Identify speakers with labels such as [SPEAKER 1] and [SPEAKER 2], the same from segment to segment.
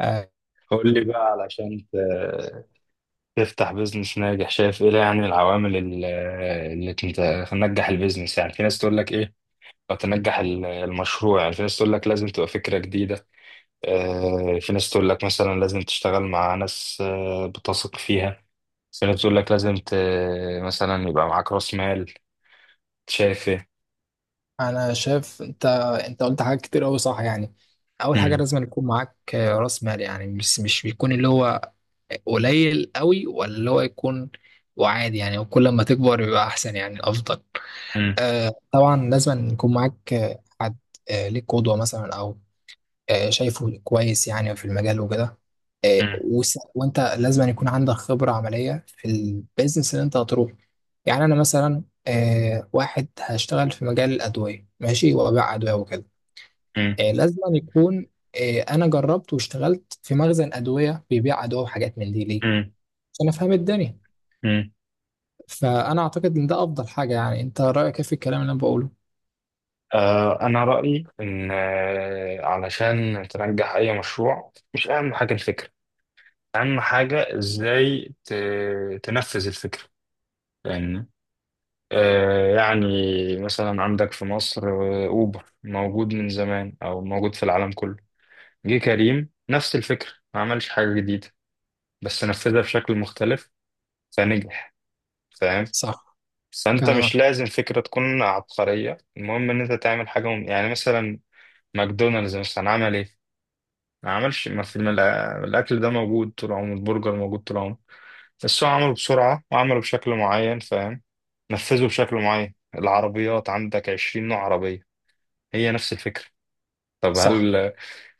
[SPEAKER 1] آه،
[SPEAKER 2] قول لي بقى، علشان تفتح بيزنس ناجح. شايف ايه، يعني العوامل اللي تنجح البيزنس؟ يعني في ناس تقول لك ايه، او تنجح المشروع. يعني في ناس تقول لك لازم تبقى فكرة جديدة، في ناس تقول لك مثلا لازم تشتغل مع ناس بتثق فيها. في ناس تقول لك مثلا يبقى معاك راس مال. شايف ايه؟
[SPEAKER 1] انا شايف انت قلت حاجات كتير قوي، صح يعني. اول حاجه
[SPEAKER 2] مم.
[SPEAKER 1] لازم يكون معاك راس مال، يعني مش بيكون اللي هو قليل قوي ولا اللي هو يكون وعادي يعني، وكل ما تكبر يبقى احسن يعني افضل.
[SPEAKER 2] مم.
[SPEAKER 1] طبعا لازم يكون معاك حد ليك قدوه مثلا، او شايفه كويس يعني في المجال وكده.
[SPEAKER 2] مم.
[SPEAKER 1] وانت لازم أن يكون عندك خبرة عملية في البيزنس اللي انت هتروح. يعني انا مثلا واحد هشتغل في مجال الأدوية، ماشي، وأبيع أدوية وكده.
[SPEAKER 2] مم.
[SPEAKER 1] لازم أن يكون. انا جربت واشتغلت في مخزن أدوية بيبيع أدوية وحاجات من دي، ليه؟
[SPEAKER 2] مم.
[SPEAKER 1] عشان افهم الدنيا.
[SPEAKER 2] مم.
[SPEAKER 1] فانا اعتقد ان ده افضل حاجة. يعني انت رأيك إيه في الكلام اللي انا بقوله؟
[SPEAKER 2] أنا رأيي إن علشان تنجح أي مشروع، مش أهم حاجة الفكرة، اهم حاجه ازاي تنفذ الفكره. يعني، يعني مثلا عندك في مصر اوبر موجود من زمان، او موجود في العالم كله. جه كريم نفس الفكره، ما عملش حاجه جديده، بس نفذها بشكل مختلف فنجح. فاهم.
[SPEAKER 1] صح.
[SPEAKER 2] فانت مش
[SPEAKER 1] كلامك
[SPEAKER 2] لازم فكره تكون عبقريه، المهم ان انت تعمل حاجه. يعني مثلا ماكدونالدز مثلا عمل ايه، ما عملش، ما في، ما الاكل ده موجود طول عمره، البرجر موجود طول عمره، بس هو عمله بسرعة وعمله بشكل معين. فاهم. نفذه بشكل معين. العربيات عندك 20 نوع عربية، هي نفس الفكرة. طب
[SPEAKER 1] صح.
[SPEAKER 2] هل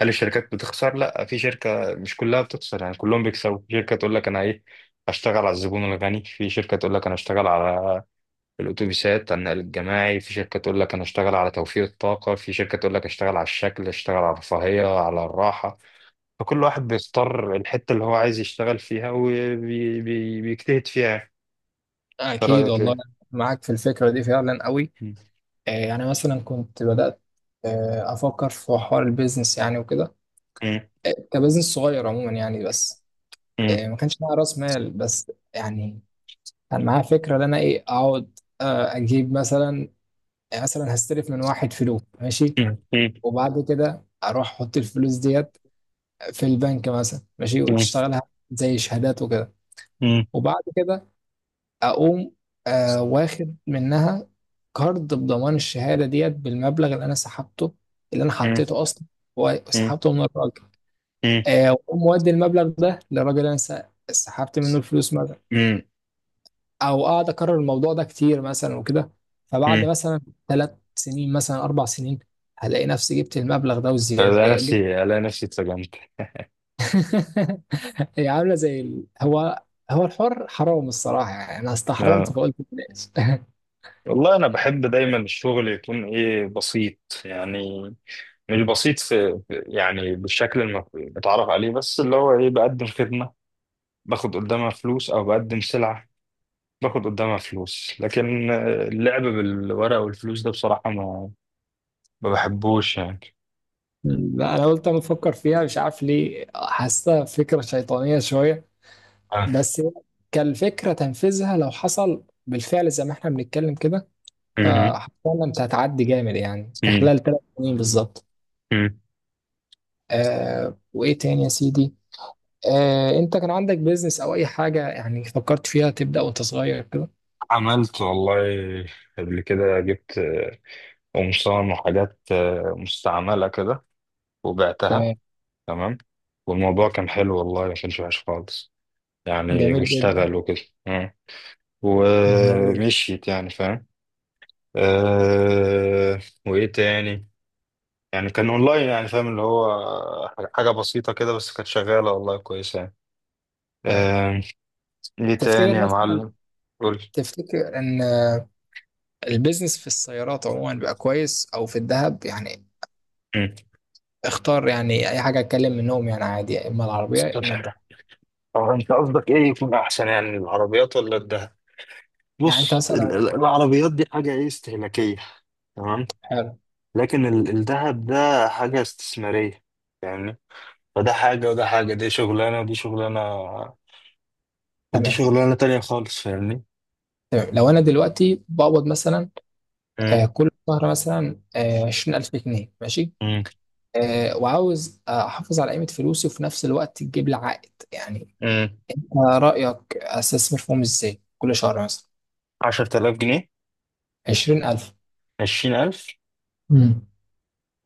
[SPEAKER 2] هل الشركات بتخسر؟ لا، في شركة مش كلها بتخسر، يعني كلهم بيكسبوا. في شركة تقول لك أنا إيه، هشتغل على الزبون الغني، في شركة تقول لك أنا هشتغل على الأتوبيسات، على النقل الجماعي، في شركة تقول لك أنا هشتغل على توفير الطاقة، في شركة تقول لك هشتغل على الشكل، هشتغل على الرفاهية، على الراحة. فكل واحد بيختار الحتة اللي هو عايز يشتغل فيها وبيجتهد فيها. انت
[SPEAKER 1] اكيد
[SPEAKER 2] رايك
[SPEAKER 1] والله،
[SPEAKER 2] ايه؟
[SPEAKER 1] معاك في الفكرة دي فعلا قوي.
[SPEAKER 2] مم.
[SPEAKER 1] يعني مثلا كنت بدأت أفكر في حوار البيزنس يعني وكده،
[SPEAKER 2] مم.
[SPEAKER 1] كبزنس صغير عموما يعني. بس
[SPEAKER 2] مم.
[SPEAKER 1] ما كانش معايا رأس مال، بس يعني كان معايا فكرة، إن أنا إيه، أقعد أجيب مثلا، يعني مثلا هستلف من واحد فلوس، ماشي،
[SPEAKER 2] مم. مم.
[SPEAKER 1] وبعد كده أروح أحط الفلوس ديت في البنك مثلا، ماشي،
[SPEAKER 2] مم.
[SPEAKER 1] وتشتغلها زي شهادات وكده. وبعد كده اقوم واخد منها كارد بضمان الشهاده ديت بالمبلغ اللي انا سحبته، اللي انا
[SPEAKER 2] مم.
[SPEAKER 1] حطيته اصلا،
[SPEAKER 2] مم.
[SPEAKER 1] وسحبته من الراجل.
[SPEAKER 2] مم.
[SPEAKER 1] واقوم مودي المبلغ ده للراجل اللي انا سحبت منه الفلوس مثلا،
[SPEAKER 2] مم.
[SPEAKER 1] او اقعد اكرر الموضوع ده كتير مثلا وكده. فبعد
[SPEAKER 2] مم.
[SPEAKER 1] مثلا 3 سنين مثلا، 4 سنين، هلاقي نفسي جبت المبلغ ده
[SPEAKER 2] الاقي
[SPEAKER 1] والزياده. جبت.
[SPEAKER 2] نفسي الاقي نفسي اتسجنت.
[SPEAKER 1] هي عامله زي هو الحر حرام الصراحه، يعني انا استحرمت
[SPEAKER 2] آه.
[SPEAKER 1] فقلت بلاش.
[SPEAKER 2] والله انا بحب دايما الشغل يكون ايه، بسيط. يعني مش بسيط، يعني بالشكل المتعارف عليه، بس اللي هو ايه، بقدم خدمة باخد قدامها فلوس، او بقدم سلعة باخد قدامها فلوس. لكن اللعب بالورق والفلوس ده، بصراحة، ما بحبوش يعني.
[SPEAKER 1] لا، انا قلت انا بفكر فيها مش عارف ليه، حاسه فكره شيطانيه شويه.
[SPEAKER 2] آه.
[SPEAKER 1] بس هي كالفكره، تنفيذها لو حصل بالفعل زي ما احنا بنتكلم كده،
[SPEAKER 2] مم.
[SPEAKER 1] فحرفيا انت هتعدي جامد يعني في خلال 3 سنين بالظبط.
[SPEAKER 2] مم.
[SPEAKER 1] وايه تاني يا سيدي؟ انت كان عندك بيزنس او اي حاجه يعني فكرت فيها تبدا وانت صغير كده؟
[SPEAKER 2] عملت والله، قبل كده جبت أم صام وحاجات مستعملة كده، وبعتها.
[SPEAKER 1] تمام.
[SPEAKER 2] تمام. والموضوع كان حلو والله، ما كانش وحش خالص يعني،
[SPEAKER 1] جميل جدا.
[SPEAKER 2] واشتغل وكده. مم.
[SPEAKER 1] جميل.
[SPEAKER 2] ومشيت يعني، فاهم. أه. وإيه تاني. يعني كان أونلاين، يعني فاهم، اللي هو حاجة بسيطة كده، بس كانت شغالة والله، كويسة يعني.
[SPEAKER 1] تمام.
[SPEAKER 2] أه. إيه تاني
[SPEAKER 1] تفتكر
[SPEAKER 2] يا
[SPEAKER 1] مثلا،
[SPEAKER 2] معلم؟ قول.
[SPEAKER 1] تفتكر ان البيزنس في السيارات عموما بقى كويس، او في الذهب يعني؟
[SPEAKER 2] مم.
[SPEAKER 1] اختار يعني اي حاجه اتكلم منهم يعني، عادي، يا اما العربيه يا
[SPEAKER 2] طب،
[SPEAKER 1] اما الدهب.
[SPEAKER 2] هو أنت قصدك إيه يكون أحسن، يعني العربيات ولا الدهب؟
[SPEAKER 1] يعني انت
[SPEAKER 2] بص،
[SPEAKER 1] مثلا لو-
[SPEAKER 2] العربيات دي حاجة، ايه، استهلاكية. تمام.
[SPEAKER 1] حلو.
[SPEAKER 2] لكن الذهب ده حاجة استثمارية يعني. فده حاجة وده حاجة، دي شغلانة ودي شغلانة، ودي
[SPEAKER 1] تمام.
[SPEAKER 2] شغلانة تانية خالص. فاهمني.
[SPEAKER 1] تمام، لو انا دلوقتي بقبض مثلا
[SPEAKER 2] امم.
[SPEAKER 1] كل شهر مثلا 20000 جنيه، ماشي،
[SPEAKER 2] امم.
[SPEAKER 1] وعاوز احافظ على قيمه فلوسي وفي نفس الوقت تجيب لي عائد يعني.
[SPEAKER 2] امم.
[SPEAKER 1] أنت رايك استثمر فيهم ازاي كل شهر مثلا؟
[SPEAKER 2] 10000 جنيه.
[SPEAKER 1] 20000.
[SPEAKER 2] 20000.
[SPEAKER 1] امم.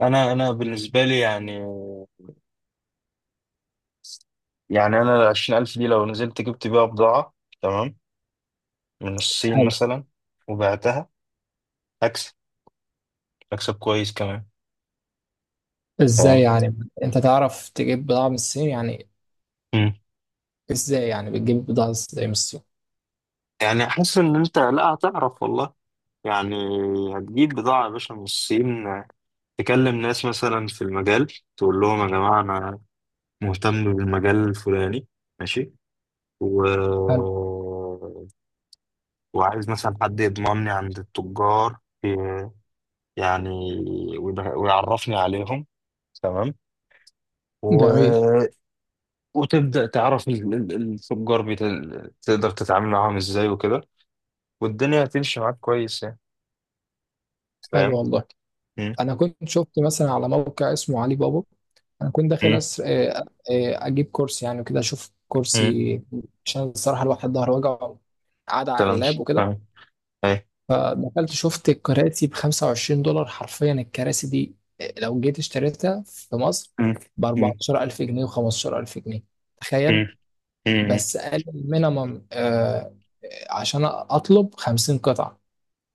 [SPEAKER 2] أنا بالنسبة لي يعني، يعني أنا ال 20000 دي لو نزلت جبت بيها بضاعة، تمام، من الصين
[SPEAKER 1] حلو.
[SPEAKER 2] مثلا، وبعتها، أكسب، أكسب كويس كمان.
[SPEAKER 1] ازاي
[SPEAKER 2] تمام.
[SPEAKER 1] يعني انت تعرف تجيب بضاعه من الصين يعني؟
[SPEAKER 2] مم.
[SPEAKER 1] ازاي يعني بتجيب بضاعه ازاي من الصين؟
[SPEAKER 2] يعني حاسس ان انت لا، هتعرف والله يعني. هتجيب بضاعة يا باشا من الصين، تكلم ناس مثلا في المجال، تقول لهم يا جماعة، أنا مهتم بالمجال الفلاني، ماشي، و...
[SPEAKER 1] حلو.
[SPEAKER 2] وعايز مثلا حد يضمني عند التجار، ي- يعني ويعرفني عليهم. تمام.
[SPEAKER 1] جميل.
[SPEAKER 2] و... وتبدأ تعرف التجار، تقدر تتعامل معاهم ازاي وكده، والدنيا هتمشي معاك كويس يعني.
[SPEAKER 1] حلو
[SPEAKER 2] فاهم؟
[SPEAKER 1] والله.
[SPEAKER 2] مم.
[SPEAKER 1] انا كنت شفت مثلا على موقع اسمه علي بابا. انا كنت داخل
[SPEAKER 2] مم.
[SPEAKER 1] أسر... آه، آه، اجيب كرسي يعني وكده، اشوف
[SPEAKER 2] مم.
[SPEAKER 1] كرسي عشان الصراحه الواحد ظهره وجعه قاعد على
[SPEAKER 2] كلام.
[SPEAKER 1] اللاب وكده.
[SPEAKER 2] فاهم.
[SPEAKER 1] دخلت شفت الكراسي ب 25 دولار حرفيا، الكراسي دي لو جيت اشتريتها في مصر
[SPEAKER 2] مم.
[SPEAKER 1] ب
[SPEAKER 2] مم.
[SPEAKER 1] 14000 جنيه و15000 جنيه، تخيل.
[SPEAKER 2] مم. مم.
[SPEAKER 1] بس قال المينيمم عشان اطلب 50 قطعه.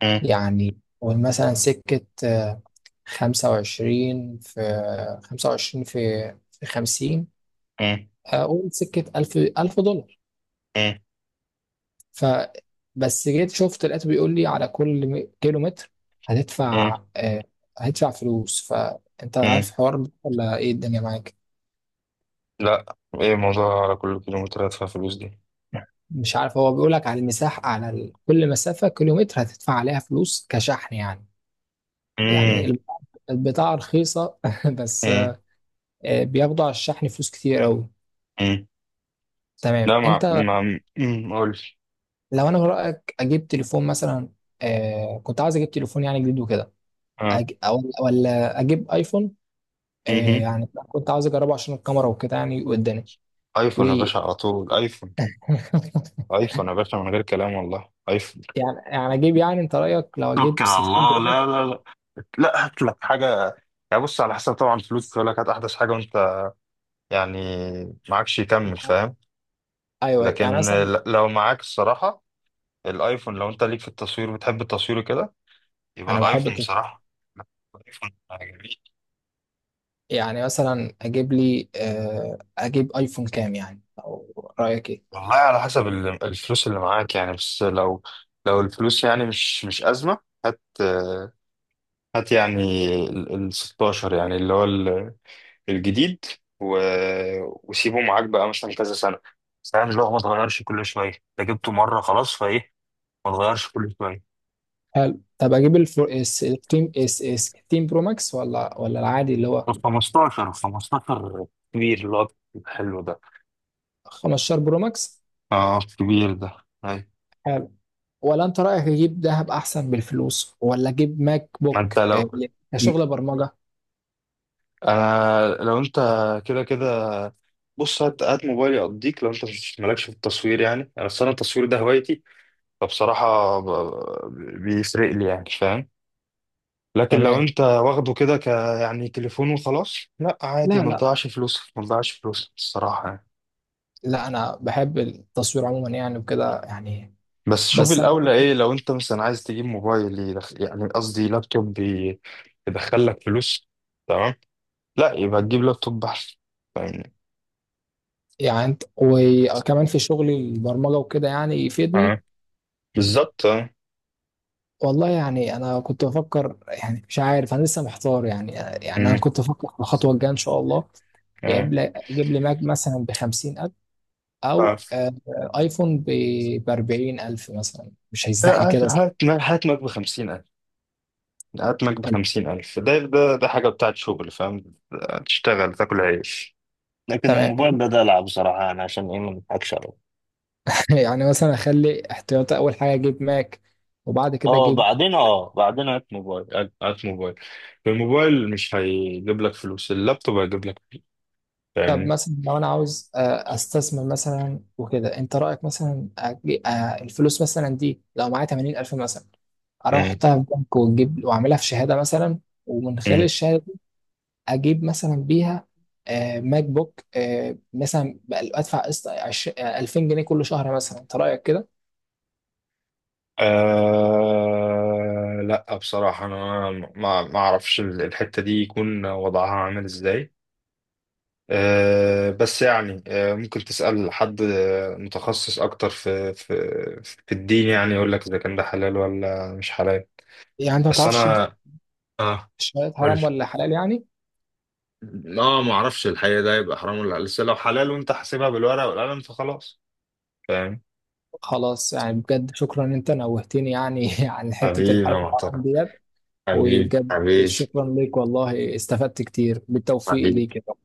[SPEAKER 2] مم.
[SPEAKER 1] يعني قول مثلا سكة 25 في 25 في 50،
[SPEAKER 2] مم.
[SPEAKER 1] أقول سكة ألف ألف دولار.
[SPEAKER 2] مم.
[SPEAKER 1] ف بس جيت شفت لقيته بيقول لي على كل كيلو متر
[SPEAKER 2] مم.
[SPEAKER 1] هتدفع، هتدفع فلوس. فأنت عارف
[SPEAKER 2] مم.
[SPEAKER 1] حوار ده ولا إيه الدنيا معاك؟
[SPEAKER 2] لا، ايه الموضوع على كل كيلومتر هدفع فلوس دي؟
[SPEAKER 1] مش عارف، هو بيقول لك على المساحة، على كل مسافة كيلومتر هتدفع عليها فلوس كشحن يعني.
[SPEAKER 2] مم.
[SPEAKER 1] يعني البضاعة رخيصة، بس
[SPEAKER 2] مم.
[SPEAKER 1] بياخدوا على الشحن فلوس كتير أوي.
[SPEAKER 2] مم.
[SPEAKER 1] تمام.
[SPEAKER 2] لا، ما ما مم. قولش.
[SPEAKER 1] لو انا، من رايك اجيب تليفون مثلا؟ كنت عاوز اجيب تليفون يعني جديد وكده.
[SPEAKER 2] اه.
[SPEAKER 1] او ولا اجيب ايفون؟ آه
[SPEAKER 2] مهم.
[SPEAKER 1] يعني كنت عاوز اجربه عشان الكاميرا وكده يعني قدامي. و
[SPEAKER 2] ايفون يا باشا، على طول ايفون. ايفون يا باشا، من غير كلام والله، ايفون.
[SPEAKER 1] يعني اجيب، يعني انت رايك لو اجيب
[SPEAKER 2] توكل على
[SPEAKER 1] 13
[SPEAKER 2] الله. لا
[SPEAKER 1] برو
[SPEAKER 2] لا لا، لا هات لك حاجه. يعني بص، على حسب طبعا الفلوس، يقول لك هات احدث حاجه، وانت يعني معكش، يكمل،
[SPEAKER 1] ماكس؟
[SPEAKER 2] فاهم.
[SPEAKER 1] ايوه يعني
[SPEAKER 2] لكن
[SPEAKER 1] مثلا.
[SPEAKER 2] لو معاك الصراحه الايفون، لو انت ليك في التصوير، بتحب التصوير كده، يبقى
[SPEAKER 1] انا بحب
[SPEAKER 2] الايفون
[SPEAKER 1] التص-
[SPEAKER 2] بصراحة. لا، الايفون جميل.
[SPEAKER 1] يعني مثلا اجيب لي، اجيب ايفون كام يعني، او رايك ايه؟
[SPEAKER 2] والله على حسب الفلوس اللي معاك يعني، بس لو الفلوس يعني مش أزمة، هات هات يعني ال 16 يعني، اللي هو الجديد، و... وسيبه معاك بقى مثلا كذا سنة، فاهم، اللي هو ما تغيرش كل شوية، انت جبته مرة خلاص فايه، ما تغيرش كل شوية.
[SPEAKER 1] حلو. طب اجيب ال 14، ال 16 برو ماكس، ولا العادي اللي هو
[SPEAKER 2] ال 15، 15 كبير اللي هو الحلو ده.
[SPEAKER 1] 15 برو ماكس؟
[SPEAKER 2] اه كبير ده. أيوة.
[SPEAKER 1] حلو. ولا انت رايك اجيب ذهب احسن بالفلوس، ولا اجيب ماك
[SPEAKER 2] ما
[SPEAKER 1] بوك
[SPEAKER 2] انت لو،
[SPEAKER 1] كشغل برمجه؟
[SPEAKER 2] انا لو انت، كده كده، بص هات، هات موبايلي اقضيك، لو انت مالكش في التصوير يعني، انا اصلا التصوير ده هوايتي، فبصراحه بيفرق لي يعني، فاهم. لكن لو
[SPEAKER 1] تمام.
[SPEAKER 2] انت واخده كده يعني تليفون وخلاص، لا، عادي،
[SPEAKER 1] لا
[SPEAKER 2] ما
[SPEAKER 1] لا
[SPEAKER 2] تضيعش فلوسك، ما تضيعش فلوسك الصراحه يعني.
[SPEAKER 1] لا، انا بحب التصوير عموما يعني وكده يعني.
[SPEAKER 2] بس شوف
[SPEAKER 1] بس انا
[SPEAKER 2] الاولى ايه، لو انت مثلا عايز تجيب موبايل يعني قصدي لابتوب يدخل لك فلوس، تمام، لا، يبقى تجيب لابتوب احسن، فاهمني.
[SPEAKER 1] يعني انت، وكمان في شغلي البرمجه وكده يعني يفيدني.
[SPEAKER 2] اه، بالظبط، اه.
[SPEAKER 1] والله يعني انا كنت بفكر، يعني مش عارف انا لسه محتار يعني. يعني انا
[SPEAKER 2] امم.
[SPEAKER 1] كنت بفكر في الخطوه الجايه ان شاء الله. يجيب لي اجيب لي ماك مثلا ب 50000، او
[SPEAKER 2] اه.
[SPEAKER 1] ايفون ب 40000 مثلا، مش هيستحمل
[SPEAKER 2] هات
[SPEAKER 1] كده.
[SPEAKER 2] هات هات ماك بـ50000، هات ماك بـ50000، ده حاجة بتاعت شغل، فاهم. تشتغل تاكل عيش. لكن الموبايل
[SPEAKER 1] تمام.
[SPEAKER 2] ده دلع، بصراحة، أنا عشان إيه، ما نضحكش عليه.
[SPEAKER 1] يعني مثلا اخلي احتياطي، اول حاجه اجيب ماك وبعد كده
[SPEAKER 2] أه
[SPEAKER 1] اجيب.
[SPEAKER 2] بعدين، أه بعدين هات موبايل، هات هات موبايل. الموبايل مش هيجيب لك فلوس، اللابتوب هيجيب لك فلوس،
[SPEAKER 1] طب
[SPEAKER 2] فاهمني.
[SPEAKER 1] مثلا لو انا عاوز استثمر مثلا وكده، انت رايك مثلا، الفلوس مثلا دي لو معايا 80 الف مثلا، اروح
[SPEAKER 2] مم.
[SPEAKER 1] احطها في بنك واجيب واعملها في شهاده مثلا. ومن خلال
[SPEAKER 2] مم.
[SPEAKER 1] الشهاده دي اجيب مثلا بيها ماك بوك، مثلا ادفع قسط 2000 جنيه كل شهر مثلا، انت رايك كده؟
[SPEAKER 2] لا، بصراحة أنا ما أعرفش الحتة دي يكون وضعها عامل إزاي. بس يعني، ممكن تسأل حد متخصص أكتر في في الدين يعني، يقول لك إذا كان ده حلال ولا مش حلال.
[SPEAKER 1] يعني انت ما
[SPEAKER 2] بس
[SPEAKER 1] تعرفش دي،
[SPEAKER 2] أنا، آه
[SPEAKER 1] الشهادات
[SPEAKER 2] قول لي.
[SPEAKER 1] حرام ولا حلال يعني؟
[SPEAKER 2] ما أعرفش الحقيقة، ده يبقى حرام ولا لسه، لو حلال وأنت حاسبها بالورقة والقلم فخلاص. فاهم.
[SPEAKER 1] خلاص، يعني بجد شكرا ان انت نوهتني يعني عن حتة
[SPEAKER 2] حبيبي يا
[SPEAKER 1] الحلال
[SPEAKER 2] معترف،
[SPEAKER 1] الحرام ديت.
[SPEAKER 2] حبيبي،
[SPEAKER 1] وبجد
[SPEAKER 2] حبيبي،
[SPEAKER 1] شكرا ليك والله، استفدت كتير، بالتوفيق
[SPEAKER 2] حبيبي.
[SPEAKER 1] ليك.